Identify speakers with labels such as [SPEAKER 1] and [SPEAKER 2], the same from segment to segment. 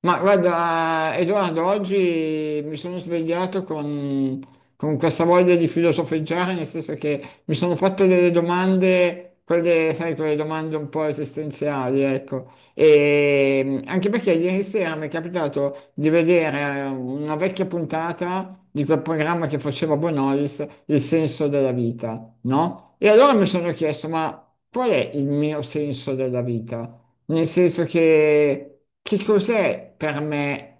[SPEAKER 1] Ma guarda, Edoardo, oggi mi sono svegliato con questa voglia di filosofeggiare, nel senso che mi sono fatto delle domande, quelle, sai, quelle domande un po' esistenziali, ecco. E anche perché ieri sera mi è capitato di vedere una vecchia puntata di quel programma che faceva Bonolis, Il senso della vita, no? E allora mi sono chiesto, ma qual è il mio senso della vita? Nel senso che cos'è per me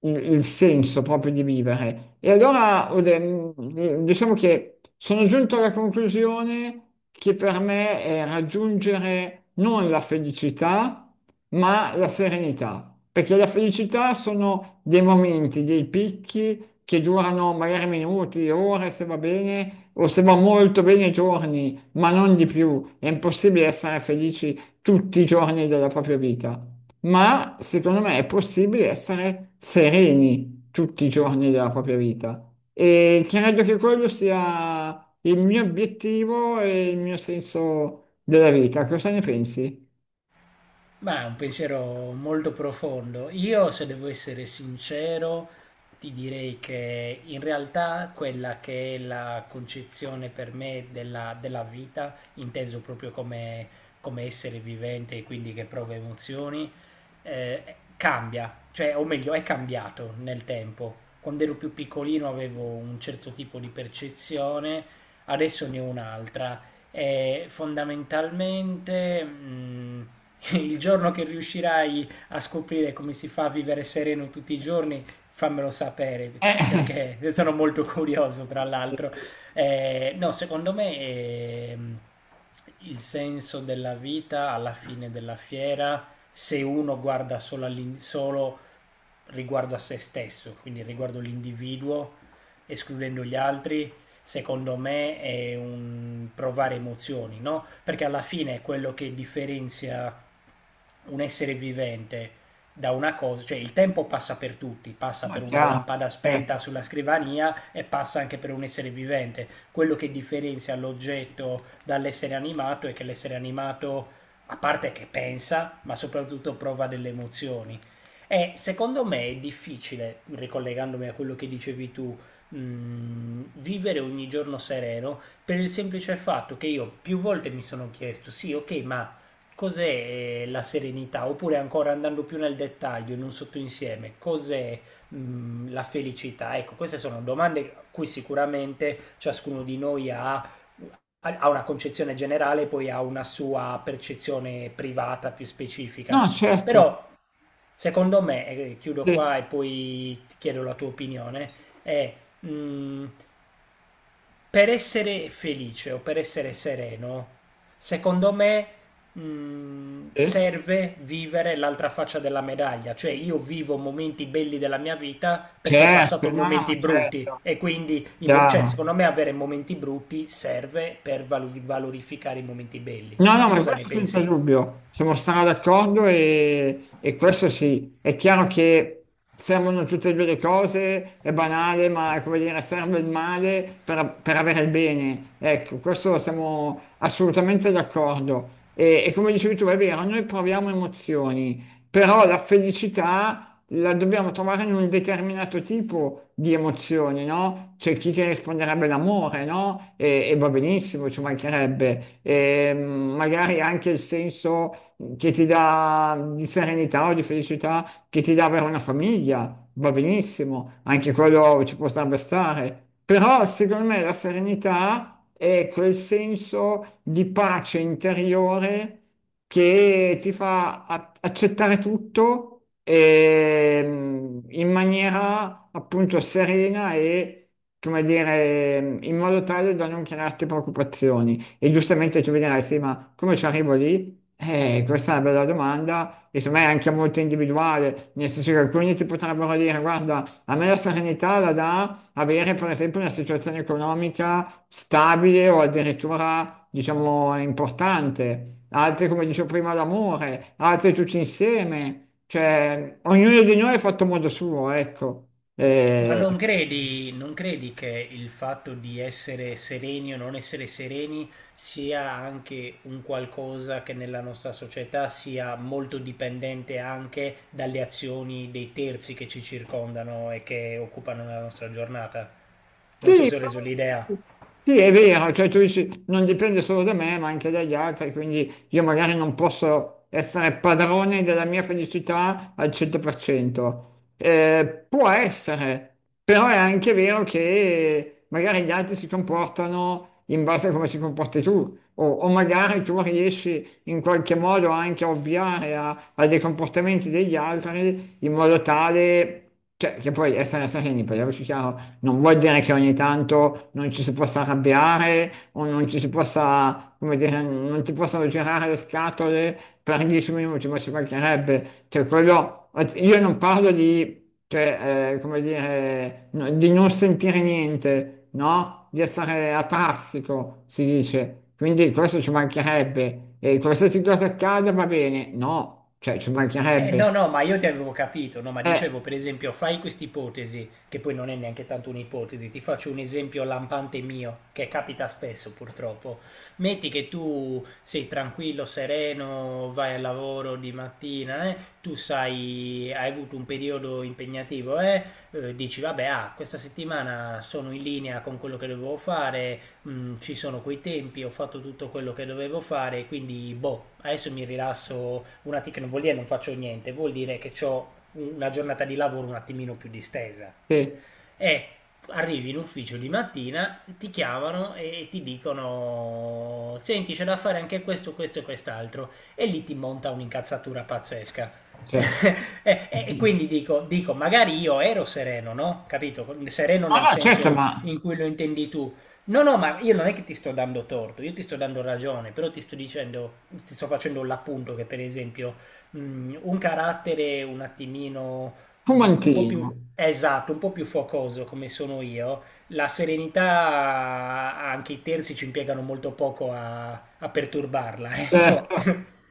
[SPEAKER 1] il senso proprio di vivere? E allora diciamo che sono giunto alla conclusione che per me è raggiungere non la felicità, ma la serenità. Perché la felicità sono dei momenti, dei picchi che durano magari minuti, ore, se va bene, o se va molto bene giorni, ma non di più. È impossibile essere felici tutti i giorni della propria vita, ma secondo me è possibile essere sereni tutti i giorni della propria vita. E credo che quello sia il mio obiettivo e il mio senso della vita. Cosa ne pensi?
[SPEAKER 2] Ma è un pensiero molto profondo. Io, se devo essere sincero, ti direi che in realtà quella che è la concezione per me della vita, inteso proprio come, come essere vivente e quindi che prova emozioni, cambia, cioè, o meglio, è cambiato nel tempo. Quando ero più piccolino avevo un certo tipo di percezione, adesso ne ho un'altra fondamentalmente il giorno che riuscirai a scoprire come si fa a vivere sereno tutti i giorni, fammelo sapere
[SPEAKER 1] Eh,
[SPEAKER 2] perché sono molto curioso tra l'altro.
[SPEAKER 1] sì.
[SPEAKER 2] No, secondo me il senso della vita alla fine della fiera, se uno guarda solo, solo riguardo a se stesso, quindi riguardo l'individuo, escludendo gli altri, secondo me è un provare emozioni, no? Perché alla fine è quello che differenzia un essere vivente da una cosa, cioè il tempo passa per tutti, passa
[SPEAKER 1] No,
[SPEAKER 2] per una
[SPEAKER 1] chiaro,
[SPEAKER 2] lampada spenta
[SPEAKER 1] certo.
[SPEAKER 2] sulla scrivania e passa anche per un essere vivente. Quello che differenzia l'oggetto dall'essere animato è che l'essere animato, a parte che pensa, ma soprattutto prova delle emozioni. E secondo me è difficile, ricollegandomi a quello che dicevi tu, vivere ogni giorno sereno per il semplice fatto che io più volte mi sono chiesto, sì, ok, ma cos'è la serenità? Oppure ancora andando più nel dettaglio, in un sottoinsieme, cos'è la felicità? Ecco, queste sono domande a cui sicuramente ciascuno di noi ha una concezione generale, poi ha una sua percezione privata più specifica.
[SPEAKER 1] No, certo,
[SPEAKER 2] Però secondo me, e chiudo
[SPEAKER 1] sì,
[SPEAKER 2] qua e poi ti chiedo la tua opinione, è mh, per essere felice o per essere sereno, secondo me
[SPEAKER 1] sì,
[SPEAKER 2] serve vivere l'altra faccia della medaglia, cioè io vivo momenti belli della mia vita perché ho
[SPEAKER 1] certo,
[SPEAKER 2] passato
[SPEAKER 1] no, no, ma
[SPEAKER 2] momenti brutti
[SPEAKER 1] certo,
[SPEAKER 2] e quindi cioè,
[SPEAKER 1] chiaro.
[SPEAKER 2] secondo me avere momenti brutti serve per valorificare i momenti belli.
[SPEAKER 1] No, no,
[SPEAKER 2] Tu
[SPEAKER 1] ma
[SPEAKER 2] cosa ne
[SPEAKER 1] questo senza
[SPEAKER 2] pensi?
[SPEAKER 1] dubbio, siamo stati d'accordo e questo sì, è chiaro che servono tutte e due le cose, è banale, ma è come dire, serve il male per avere il bene. Ecco, questo siamo assolutamente d'accordo. E come dicevi tu, è vero, noi proviamo emozioni, però la felicità la dobbiamo trovare in un determinato tipo di emozioni, no? C'è chi ti risponderebbe l'amore, no? E va benissimo, ci mancherebbe. E magari anche il senso che ti dà di serenità o di felicità che ti dà avere una famiglia, va benissimo, anche quello ci potrebbe stare. Però secondo me la serenità è quel senso di pace interiore che ti fa accettare tutto in maniera appunto serena e, come dire, in modo tale da non crearti preoccupazioni. E giustamente tu mi dirai, sì, ma come ci arrivo lì? Questa è una bella domanda e secondo me anche molto individuale, nel senso che alcuni ti potrebbero dire, guarda, a me la serenità la dà avere per esempio una situazione economica stabile o addirittura, diciamo, importante, altri come dicevo prima l'amore, altri tutti insieme, cioè ognuno di noi è fatto a modo suo, ecco.
[SPEAKER 2] Ma
[SPEAKER 1] Eh,
[SPEAKER 2] non credi che il fatto di essere sereni o non essere sereni sia anche un qualcosa che nella nostra società sia molto dipendente anche dalle azioni dei terzi che ci circondano e che occupano la nostra giornata? Non so
[SPEAKER 1] Sì,
[SPEAKER 2] se ho reso l'idea.
[SPEAKER 1] sì, Sì, è vero, cioè tu dici non dipende solo da me, ma anche dagli altri, quindi io magari non posso essere padrone della mia felicità al 100%. Può essere, però è anche vero che magari gli altri si comportano in base a come si comporti tu, o magari tu riesci in qualche modo anche a ovviare a dei comportamenti degli altri in modo tale... Cioè, che poi essere sereni, parliamoci chiaro, non vuol dire che ogni tanto non ci si possa arrabbiare o non ci si possa, come dire, non ti possano girare le scatole per 10 minuti, ma ci mancherebbe. Cioè, quello, io non parlo di cioè, come dire, di non sentire niente, no? Di essere atassico, si dice. Quindi questo ci mancherebbe. E qualsiasi cosa accada va bene. No, cioè, ci mancherebbe.
[SPEAKER 2] No, no, ma io ti avevo capito, no, ma
[SPEAKER 1] Eh,
[SPEAKER 2] dicevo per esempio, fai quest'ipotesi, che poi non è neanche tanto un'ipotesi, ti faccio un esempio lampante mio, che capita spesso purtroppo. Metti che tu sei tranquillo, sereno, vai al lavoro di mattina, tu sai, hai avuto un periodo impegnativo, dici vabbè, ah, questa settimana sono in linea con quello che dovevo fare, mm, ci sono quei tempi, ho fatto tutto quello che dovevo fare, quindi boh, adesso mi rilasso un attimo, che non vuol dire non faccio niente, vuol dire che ho una giornata di lavoro un attimino più distesa
[SPEAKER 1] sì,
[SPEAKER 2] è Arrivi in ufficio di mattina, ti chiamano e ti dicono senti c'è da fare anche questo e quest'altro e lì ti monta un'incazzatura pazzesca.
[SPEAKER 1] cioè,
[SPEAKER 2] E
[SPEAKER 1] sì.
[SPEAKER 2] quindi dico, magari io ero sereno, no? Capito? Sereno
[SPEAKER 1] No,
[SPEAKER 2] nel
[SPEAKER 1] no, certo,
[SPEAKER 2] senso
[SPEAKER 1] ma
[SPEAKER 2] in cui lo intendi tu. No, no, ma io non è che ti sto dando torto, io ti sto dando ragione, però ti sto dicendo, ti sto facendo l'appunto che per esempio un carattere un attimino Mm, un po' più,
[SPEAKER 1] fumantino.
[SPEAKER 2] esatto, un po' più focoso come sono io. La serenità, anche i terzi ci impiegano molto poco a perturbarla,
[SPEAKER 1] Cioè,
[SPEAKER 2] ecco.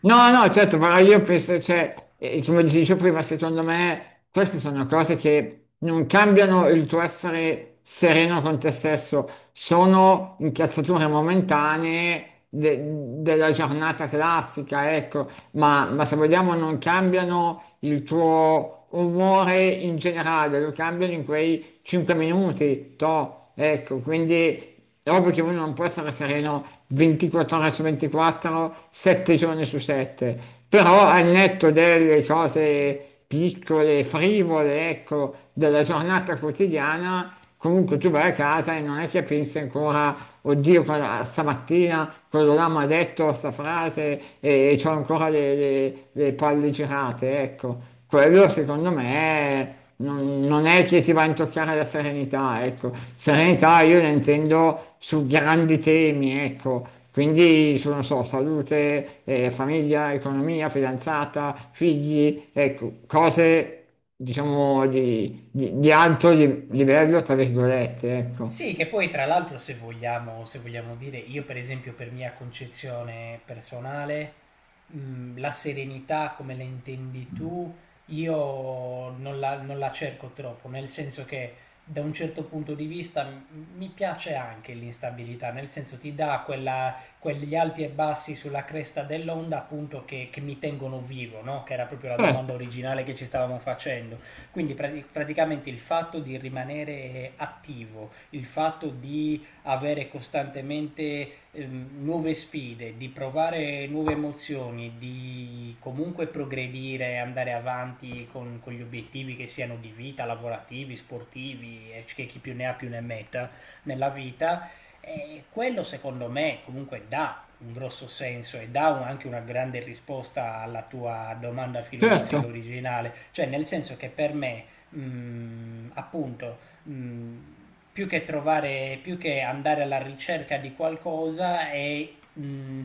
[SPEAKER 1] no, no, certo, però io penso, cioè, come ti dicevo prima, secondo me queste sono cose che non cambiano il tuo essere sereno con te stesso, sono incazzature momentanee della giornata classica, ecco, ma se vogliamo non cambiano il tuo umore in generale, lo cambiano in quei 5 minuti, toh, ecco, quindi è ovvio che uno non può essere sereno 24 ore su 24, 7 giorni su 7, però al netto delle cose piccole, frivole, ecco, della giornata quotidiana, comunque tu vai a casa e non è che pensi ancora, oddio, stamattina quello là mi ha detto sta frase e, ho ancora le, le palle girate, ecco. Quello secondo me non è che ti va a intoccare la serenità, ecco. Serenità io la intendo su grandi temi, ecco. Quindi su, non so, salute, famiglia, economia, fidanzata, figli, ecco, cose, diciamo, di alto livello, tra virgolette, ecco.
[SPEAKER 2] Sì, che poi tra l'altro se vogliamo, se vogliamo dire, io per esempio per mia concezione personale, la serenità come la intendi tu, io non la cerco troppo, nel senso che da un certo punto di vista mi piace anche l'instabilità, nel senso ti dà quella, quegli alti e bassi sulla cresta dell'onda appunto che mi tengono vivo, no? Che era proprio la domanda
[SPEAKER 1] Certo,
[SPEAKER 2] originale che ci stavamo facendo. Quindi praticamente il fatto di rimanere attivo, il fatto di avere costantemente nuove sfide, di provare nuove emozioni, di comunque progredire, andare avanti con gli obiettivi che siano di vita, lavorativi, sportivi, e che chi più ne ha più ne metta nella vita, quello secondo me comunque dà un grosso senso e anche una grande risposta alla tua domanda filosofica
[SPEAKER 1] certo.
[SPEAKER 2] originale, cioè nel senso che per me, mh, appunto, mh, più che trovare, più che andare alla ricerca di qualcosa è mh,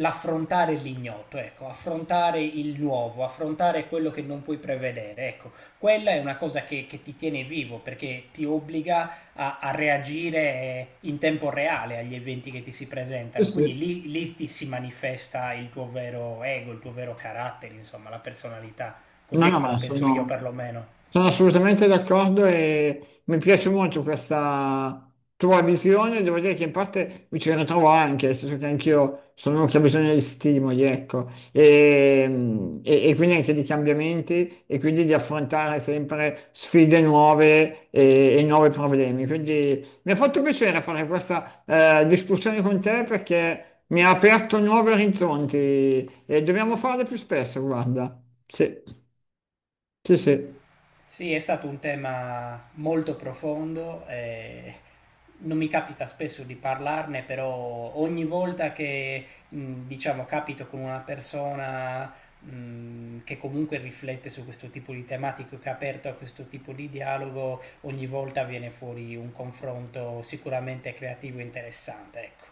[SPEAKER 2] l'affrontare l'ignoto, ecco, affrontare il nuovo, affrontare quello che non puoi prevedere, ecco, quella è una cosa che ti tiene vivo perché ti obbliga a reagire in tempo reale agli eventi che ti si
[SPEAKER 1] Sì,
[SPEAKER 2] presentano. Quindi
[SPEAKER 1] sì.
[SPEAKER 2] lì ti si manifesta il tuo vero ego, il tuo vero carattere, insomma, la personalità.
[SPEAKER 1] No,
[SPEAKER 2] Così è
[SPEAKER 1] no,
[SPEAKER 2] come la
[SPEAKER 1] ma
[SPEAKER 2] penso io perlomeno.
[SPEAKER 1] sono assolutamente d'accordo e mi piace molto questa tua visione, devo dire che in parte mi ci ritrovo anche, nel senso che anch'io sono uno che ha bisogno di stimoli, ecco, e quindi anche di cambiamenti e quindi di affrontare sempre sfide nuove e nuovi problemi. Quindi mi ha fatto piacere fare questa discussione con te perché mi ha aperto nuovi orizzonti e dobbiamo farle più spesso, guarda. Sì, sì, sì.
[SPEAKER 2] Sì, è stato un tema molto profondo, non mi capita spesso di parlarne, però ogni volta che diciamo capito con una persona che comunque riflette su questo tipo di tematiche, che è aperto a questo tipo di dialogo, ogni volta viene fuori un confronto sicuramente creativo e interessante, ecco.